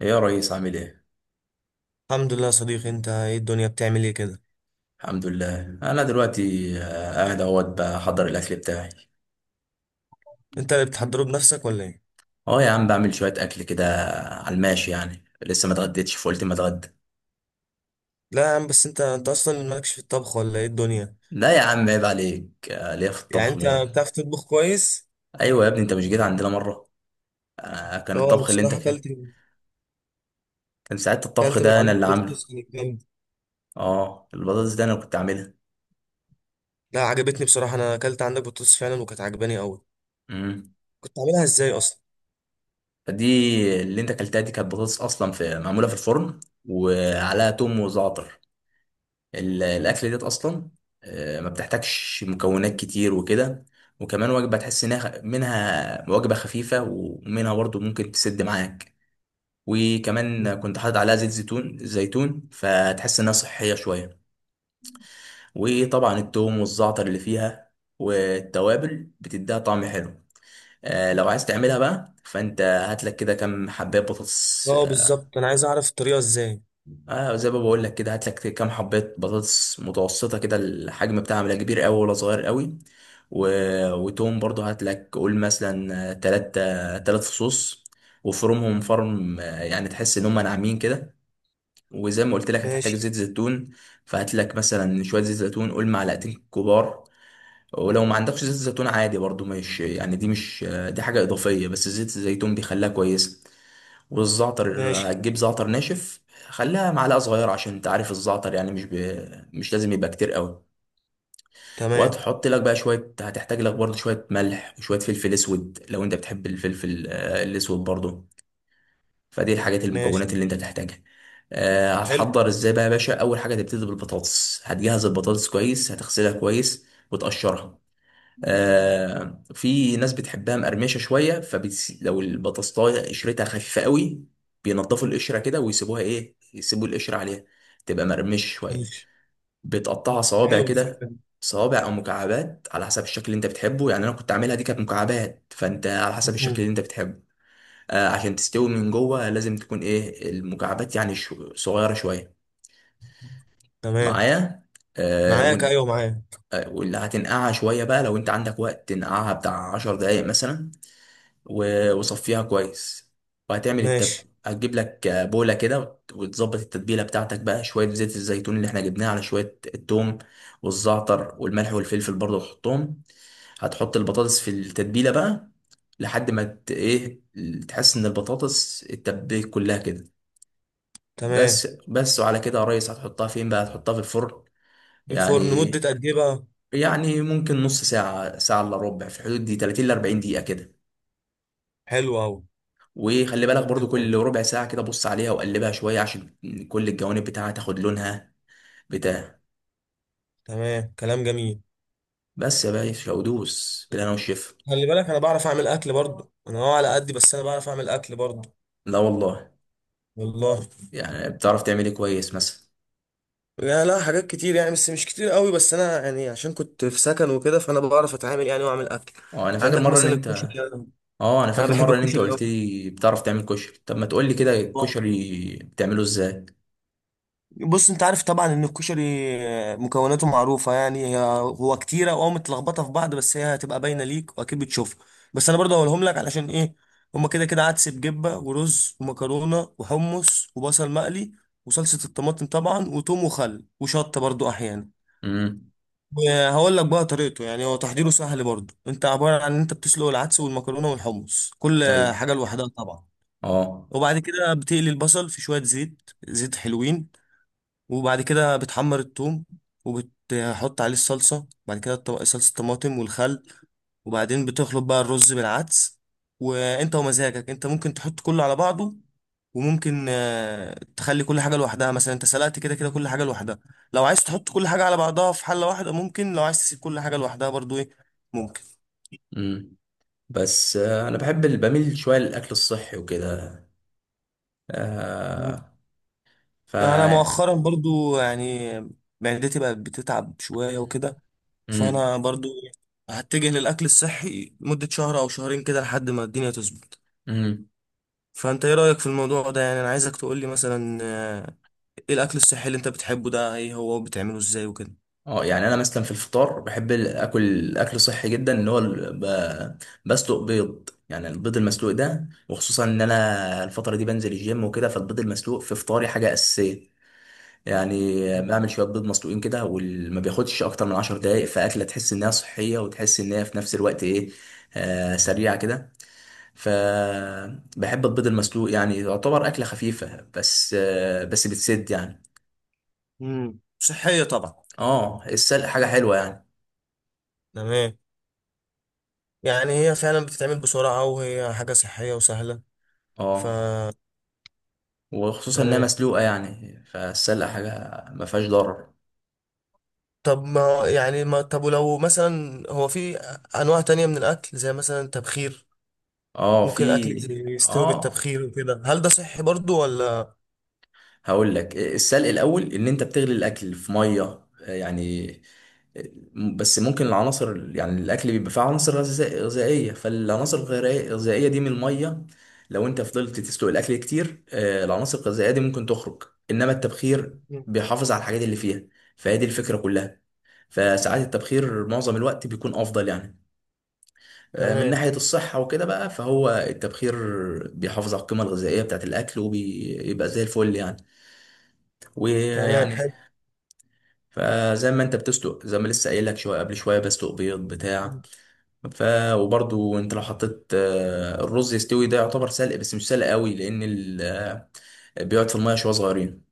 يا ريس عامل ايه؟ الحمد لله يا صديقي. انت ايه؟ الدنيا بتعمل ايه كده؟ الحمد لله انا دلوقتي قاعد اهوت بحضر الاكل بتاعي. انت اللي بتحضره بنفسك ولا ايه؟ اه يا عم بعمل شوية اكل كده على الماشي، يعني لسه ما اتغديتش فقلت ما اتغدى. لا يا عم، بس انت اصلا مالكش في الطبخ ولا ايه الدنيا؟ لا يا عم عيب عليك، ليا في يعني الطبخ انت موت. بتعرف تطبخ كويس؟ ايوه يا ابني، انت مش جيت عندنا مرة؟ آه، كان اه، انا الطبخ اللي انت بصراحه كان اكلت كان ساعات الطبخ اكلت من ده انا عندك اللي عامله. بطاطس كانت جامده. اه البطاطس ده انا كنت عاملها. لا، عجبتني بصراحه. انا اكلت عندك بطاطس فعلا وكانت عجباني قوي. امم كنت عاملها ازاي اصلا؟ فدي اللي انت اكلتها دي كانت بطاطس اصلا في معمولة في الفرن وعليها توم وزعتر. الاكل ديت اصلا ما بتحتاجش مكونات كتير وكده، وكمان وجبه تحس انها منها وجبه خفيفه ومنها برضو ممكن تسد معاك. وكمان كنت حاطط عليها زيت زيتون فتحس انها صحيه شويه، وطبعا التوم والزعتر اللي فيها والتوابل بتديها طعم حلو. لو عايز تعملها بقى فانت هات لك كده كام حبايه بطاطس. اه بالظبط، انا عايز اعرف الطريقه ازاي. آه زي ما بقول لك كده، هات لك كام حبات بطاطس متوسطه كده، الحجم بتاعها لا كبير قوي ولا صغير قوي. و... وتوم برضو هات لك، قول مثلا تلات، تلات فصوص، وفرمهم فرم يعني تحس ان هم ناعمين كده. وزي ما قلت لك هتحتاج ماشي. زيت زيتون، فهات لك مثلا شويه زيت زيتون، قول معلقتين كبار. ولو ما عندكش زيت زيتون عادي برضو، مش يعني دي مش آه، دي حاجه اضافيه، بس زيت الزيتون بيخليها كويسه. والزعتر ماشي. هتجيب زعتر ناشف، خليها معلقه صغيره عشان انت عارف الزعتر يعني مش لازم يبقى كتير قوي. تمام. وهتحط لك بقى شويه، هتحتاج لك برضو شويه ملح وشويه فلفل اسود لو انت بتحب الفلفل الاسود برضو. فدي الحاجات ماشي. المكونات اللي انت تحتاجها. آه، حلو. هتحضر ازاي بقى يا باشا؟ اول حاجه تبتدي بالبطاطس، هتجهز البطاطس كويس، هتغسلها كويس وتقشرها. آه في ناس بتحبها مقرمشه شويه لو البطاطسايه قشرتها خفيفه قوي، بينضفوا القشره كده ويسيبوها، ايه، يسيبوا القشره عليها تبقى مقرمشه شويه. ماشي. بتقطعها صوابع حلو كده، الفكره دي. صوابع او مكعبات على حسب الشكل اللي انت بتحبه، يعني انا كنت عاملها دي كانت مكعبات، فانت على حسب الشكل مم. اللي انت بتحبه. آه عشان تستوي من جوه لازم تكون ايه المكعبات يعني صغيره شويه. تمام. معايا؟ آه معاك، ون... ايوه معاك. آه، واللي هتنقعها شويه بقى لو انت عندك وقت، تنقعها بتاع 10 دقايق مثلا وصفيها كويس، وهتعمل التب. ماشي. هتجيب لك بولة كده، وتظبط التتبيلة بتاعتك بقى، شوية زيت الزيتون اللي احنا جبناه على شوية التوم والزعتر والملح والفلفل برضه تحطهم. هتحط البطاطس في التتبيلة بقى لحد ما ايه، تحس ان البطاطس اتبلت كلها كده. بس تمام. بس وعلى كده يا ريس هتحطها فين بقى؟ هتحطها في الفرن في الفرن يعني. مدة قد ايه بقى؟ يعني ممكن نص ساعة، ساعة الا ربع، في الحدود دي 30 ل 40 دقيقة كده. حلو قوي. وخلي بالك برضو كل ربع ساعة كده بص عليها وقلبها شوية عشان كل الجوانب بتاعها تاخد لونها بتاع. تمام، كلام جميل. بس يا باشا، ودوس بالهنا والشفا. خلي بالك، انا بعرف اعمل اكل برضه. انا هو على قدي، بس انا بعرف اعمل اكل برضه. لا والله، والله. يعني بتعرف تعمل ايه كويس مثلا؟ يعني لا، حاجات كتير يعني، بس مش كتير قوي. بس انا يعني عشان كنت في سكن وكده، فانا بعرف اتعامل يعني واعمل اكل. اه انا فاكر عندك مرة ان مثلا انت الكشري. اه انا انا فاكر بحب مرة ان انت الكشري قوي. قلت لي بتعرف تعمل كشري، طب ما تقول لي كده الكشري بتعمله ازاي؟ بص، انت عارف طبعا ان الكشري مكوناته معروفه يعني، هي هو كتيره واه متلخبطه في بعض، بس هي هتبقى باينه ليك واكيد بتشوفها. بس انا برضه هقولهم لك علشان ايه. هما كده كده عدس بجبه ورز ومكرونه وحمص وبصل مقلي، وصلصه الطماطم طبعا، وتوم وخل وشطه برضه احيانا. امم. وهقول لك بقى طريقته. يعني هو تحضيره سهل برضه، انت عباره عن ان انت بتسلق العدس والمكرونه والحمص، كل ايوه. حاجه لوحدها طبعا. اه. وبعد كده بتقلي البصل في شويه زيت، زيت حلوين. وبعد كده بتحمر الثوم، وبتحط عليه الصلصة بعد كده، صلصة الطماطم والخل. وبعدين بتخلط بقى الرز بالعدس. وانت ومزاجك، انت ممكن تحط كله على بعضه، وممكن تخلي كل حاجة لوحدها. مثلا انت سلقت كده كده كل حاجة لوحدها، لو عايز تحط كل حاجة على بعضها في حلة واحدة ممكن، لو عايز تسيب كل حاجة لوحدها برضو ايه، ممكن. امم. بس انا بحب بميل شوية للاكل الصحي وكده. مم. آه. ف. انا مؤخرا برضو يعني معدتي بقت بتتعب شوية وكده. امم. فانا برضو هتجه للاكل الصحي لمدة شهر او شهرين كده، لحد ما الدنيا تظبط. فانت ايه رأيك في الموضوع ده؟ يعني انا عايزك تقولي مثلا ايه الاكل الصحي اللي انت بتحبه ده، ايه هو بتعمله ازاي وكده؟ اه يعني انا مثلا في الفطار بحب اكل صحي جدا، اللي هو بسلق بيض، يعني البيض المسلوق ده، وخصوصا ان انا الفتره دي بنزل الجيم وكده، فالبيض المسلوق في فطاري حاجه اساسيه. يعني بعمل شويه بيض مسلوقين كده وما بياخدش اكتر من 10 دقائق، فاكله تحس انها صحيه وتحس ان هي في نفس الوقت ايه، آه سريعه كده. فبحب البيض المسلوق، يعني يعتبر اكله خفيفه بس آه بس بتسد يعني. صحية طبعا. اه السلق حاجه حلوه يعني. تمام. يعني هي فعلا بتتعمل بسرعة، وهي حاجة صحية وسهلة. ف اه وخصوصا انها تمام. مسلوقه يعني، فالسلق حاجه ما فيهاش ضرر. طب ما يعني ما طب، ولو مثلا هو في انواع تانية من الاكل زي مثلا التبخير، اه في. ممكن اكل يستوي اه بالتبخير وكده؟ هل ده صحي برضو ولا؟ هقول لك، السلق الاول ان انت بتغلي الاكل في ميه يعني، بس ممكن العناصر، يعني الاكل بيبقى فيه عناصر غذائيه، فالعناصر الغذائيه دي من الميه لو انت فضلت تسلق الاكل كتير العناصر الغذائيه دي ممكن تخرج. انما التبخير مم. بيحافظ على الحاجات اللي فيها، فهي دي الفكره كلها. فساعات التبخير معظم الوقت بيكون افضل يعني، من تمام. ناحية الصحة وكده بقى. فهو التبخير بيحافظ على القيمة الغذائية بتاعة الأكل وبيبقى زي الفل يعني. تمام، ويعني، حلو. فزي ما انت بتسلق زي ما لسه قايل لك شوية قبل شوية بسلق بيض بتاع. ف. وبرضو انت لو حطيت الرز يستوي، ده يعتبر سلق بس مش سلق قوي لأن بيقعد في المية شوية صغيرين.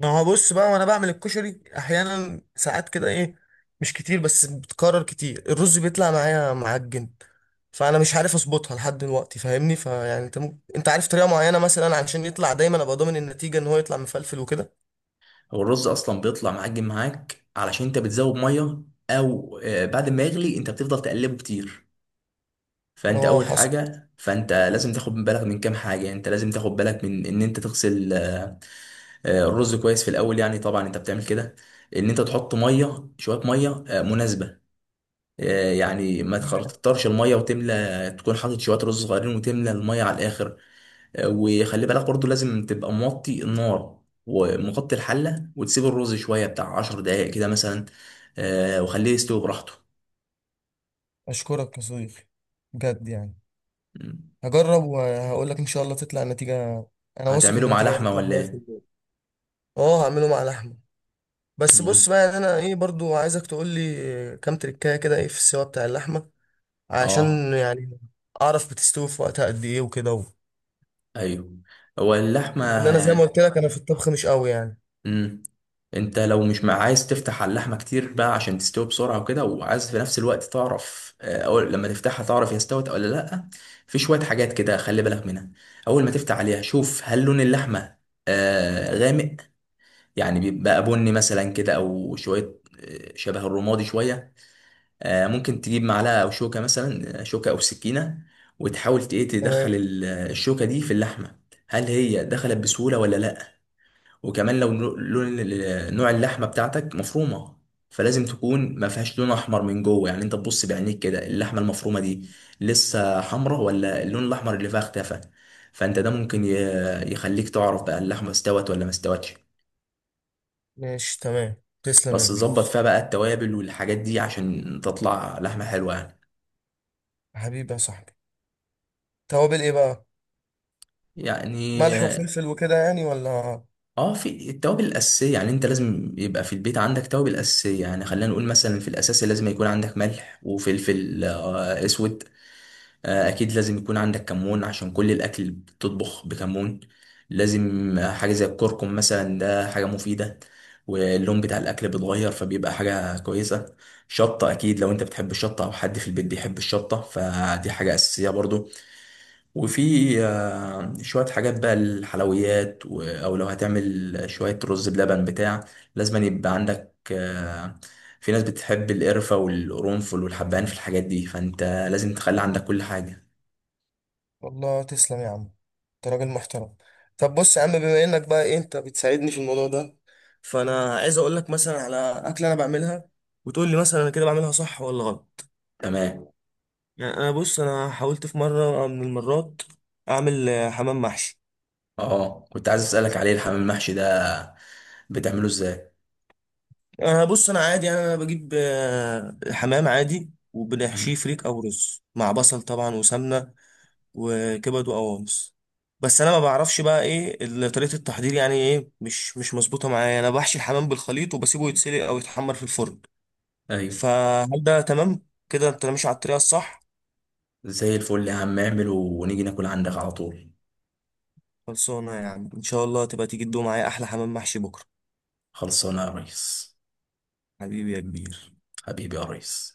ما هو بص بقى، وانا بعمل الكشري احيانا ساعات كده ايه، مش كتير بس بتكرر كتير، الرز بيطلع معايا معجن. فانا مش عارف اظبطها لحد دلوقتي، فاهمني؟ فيعني انت عارف طريقه معينه مثلا عشان يطلع دايما، ابقى ضامن النتيجه ان هو يطلع مفلفل وكده؟ هو الرز أصلا بيطلع معجن معاك علشان انت بتزود مية، أو بعد ما يغلي انت بتفضل تقلبه كتير. فانت اه، اول حصل. حاجه فانت لازم تاخد بالك من كام حاجه، انت لازم تاخد بالك من ان انت تغسل الرز كويس في الاول، يعني طبعا انت بتعمل كده. ان انت تحط ميه، شويه ميه مناسبه، يعني ما تكترش الميه وتملى، تكون حاطط شويه رز صغيرين وتملى الميه على الاخر. وخلي بالك برضو لازم تبقى موطي النار ومغطي الحله وتسيب الرز شويه بتاع 10 دقائق كده مثلا، وخليه يستوي براحته. اشكرك يا صديقي، بجد يعني. مم. هجرب وهقول لك ان شاء الله تطلع النتيجه. انا واثق هتعمله ان مع النتيجه لحمه هتطلع ولا ايه؟ 100%. اه، هعمله مع لحمه. بس بص مم. بقى، يعني انا ايه، برضو عايزك تقول لي كام تريكايه كده، ايه في السوا بتاع اللحمه، اه. عشان يعني اعرف بتستوي في وقتها قد ايه وكده ايوه. هو اللحمه لان انا زي ما يعني. قلت لك، انا في الطبخ مش قوي يعني. امم. انت لو مش مع عايز تفتح على اللحمه كتير بقى عشان تستوي بسرعه وكده، وعايز في نفس الوقت تعرف او لما تفتحها تعرف هي استوت ولا لا، في شويه حاجات كده خلي بالك منها. اول ما تفتح عليها شوف هل لون اللحمه غامق، يعني بيبقى بني مثلا كده او شويه شبه الرمادي شويه. آه ممكن تجيب معلقه او شوكه مثلا، شوكه او سكينه، وتحاول ايه تمام. تدخل الشوكه دي في اللحمه، هل هي دخلت بسهوله ولا لا. وكمان لو نوع اللحمه بتاعتك مفرومه، فلازم تكون ما فيهاش لون احمر من جوه، يعني انت تبص بعينيك كده اللحمه المفرومه دي لسه حمراء ولا اللون الاحمر اللي فيها اختفى. فانت ده ممكن يخليك تعرف بقى اللحمه استوت ولا ما استوتش. ماشي. تمام. تسلم يا بس تظبط كبير. فيها بقى التوابل والحاجات دي عشان تطلع لحمه حلوه يعني. حبيبي يا صاحبي. توابل ايه بقى؟ ملح يعني وفلفل وكده يعني، ولا؟ اه في التوابل الاساسيه، يعني انت لازم يبقى في البيت عندك توابل اساسيه، يعني خلينا نقول مثلا في الاساسي لازم يكون عندك ملح وفلفل اسود. اكيد لازم يكون عندك كمون عشان كل الاكل اللي بتطبخ بكمون. لازم حاجه زي الكركم مثلا، ده حاجه مفيده واللون بتاع الاكل بيتغير فبيبقى حاجه كويسه. شطه اكيد لو انت بتحب الشطه او حد في البيت بيحب الشطه فدي حاجه اساسيه برضو. وفي شويه حاجات بقى الحلويات او لو هتعمل شويه رز بلبن بتاع، لازم يبقى عندك في ناس بتحب القرفة والقرنفل والحبهان في الحاجات دي، فانت لازم تخلي عندك كل حاجة. والله تسلم يا عم، انت راجل محترم. طب بص يا عم، بما انك بقى ايه، انت بتساعدني في الموضوع ده، فانا عايز اقول لك مثلا على اكله انا بعملها، وتقول لي مثلا انا كده بعملها صح ولا غلط. تمام. يعني انا بص، انا حاولت في مره من المرات اعمل حمام محشي. اه كنت عايز اسالك عليه، الحمام المحشي ده بتعمله ازاي؟ انا بص، انا عادي يعني، انا بجيب حمام عادي، وبنحشيه مم. فريك او رز مع بصل طبعا وسمنه، وكبد وقوانص. بس انا ما بعرفش بقى ايه طريقه التحضير، يعني ايه مش مظبوطه معايا. انا بحشي الحمام بالخليط وبسيبه يتسلق او يتحمر في الفرن. ايوه فهل ده تمام كده؟ انت ماشي على الطريقه الصح؟ زي الفل يا عم، اعمله ونيجي ناكل عندك على طول. خلصانه يا عم، ان شاء الله تبقى تيجي تدوق معايا احلى حمام محشي بكره. خلصانه يا ريس. حبيبي يا كبير. حبيبي يا ريس.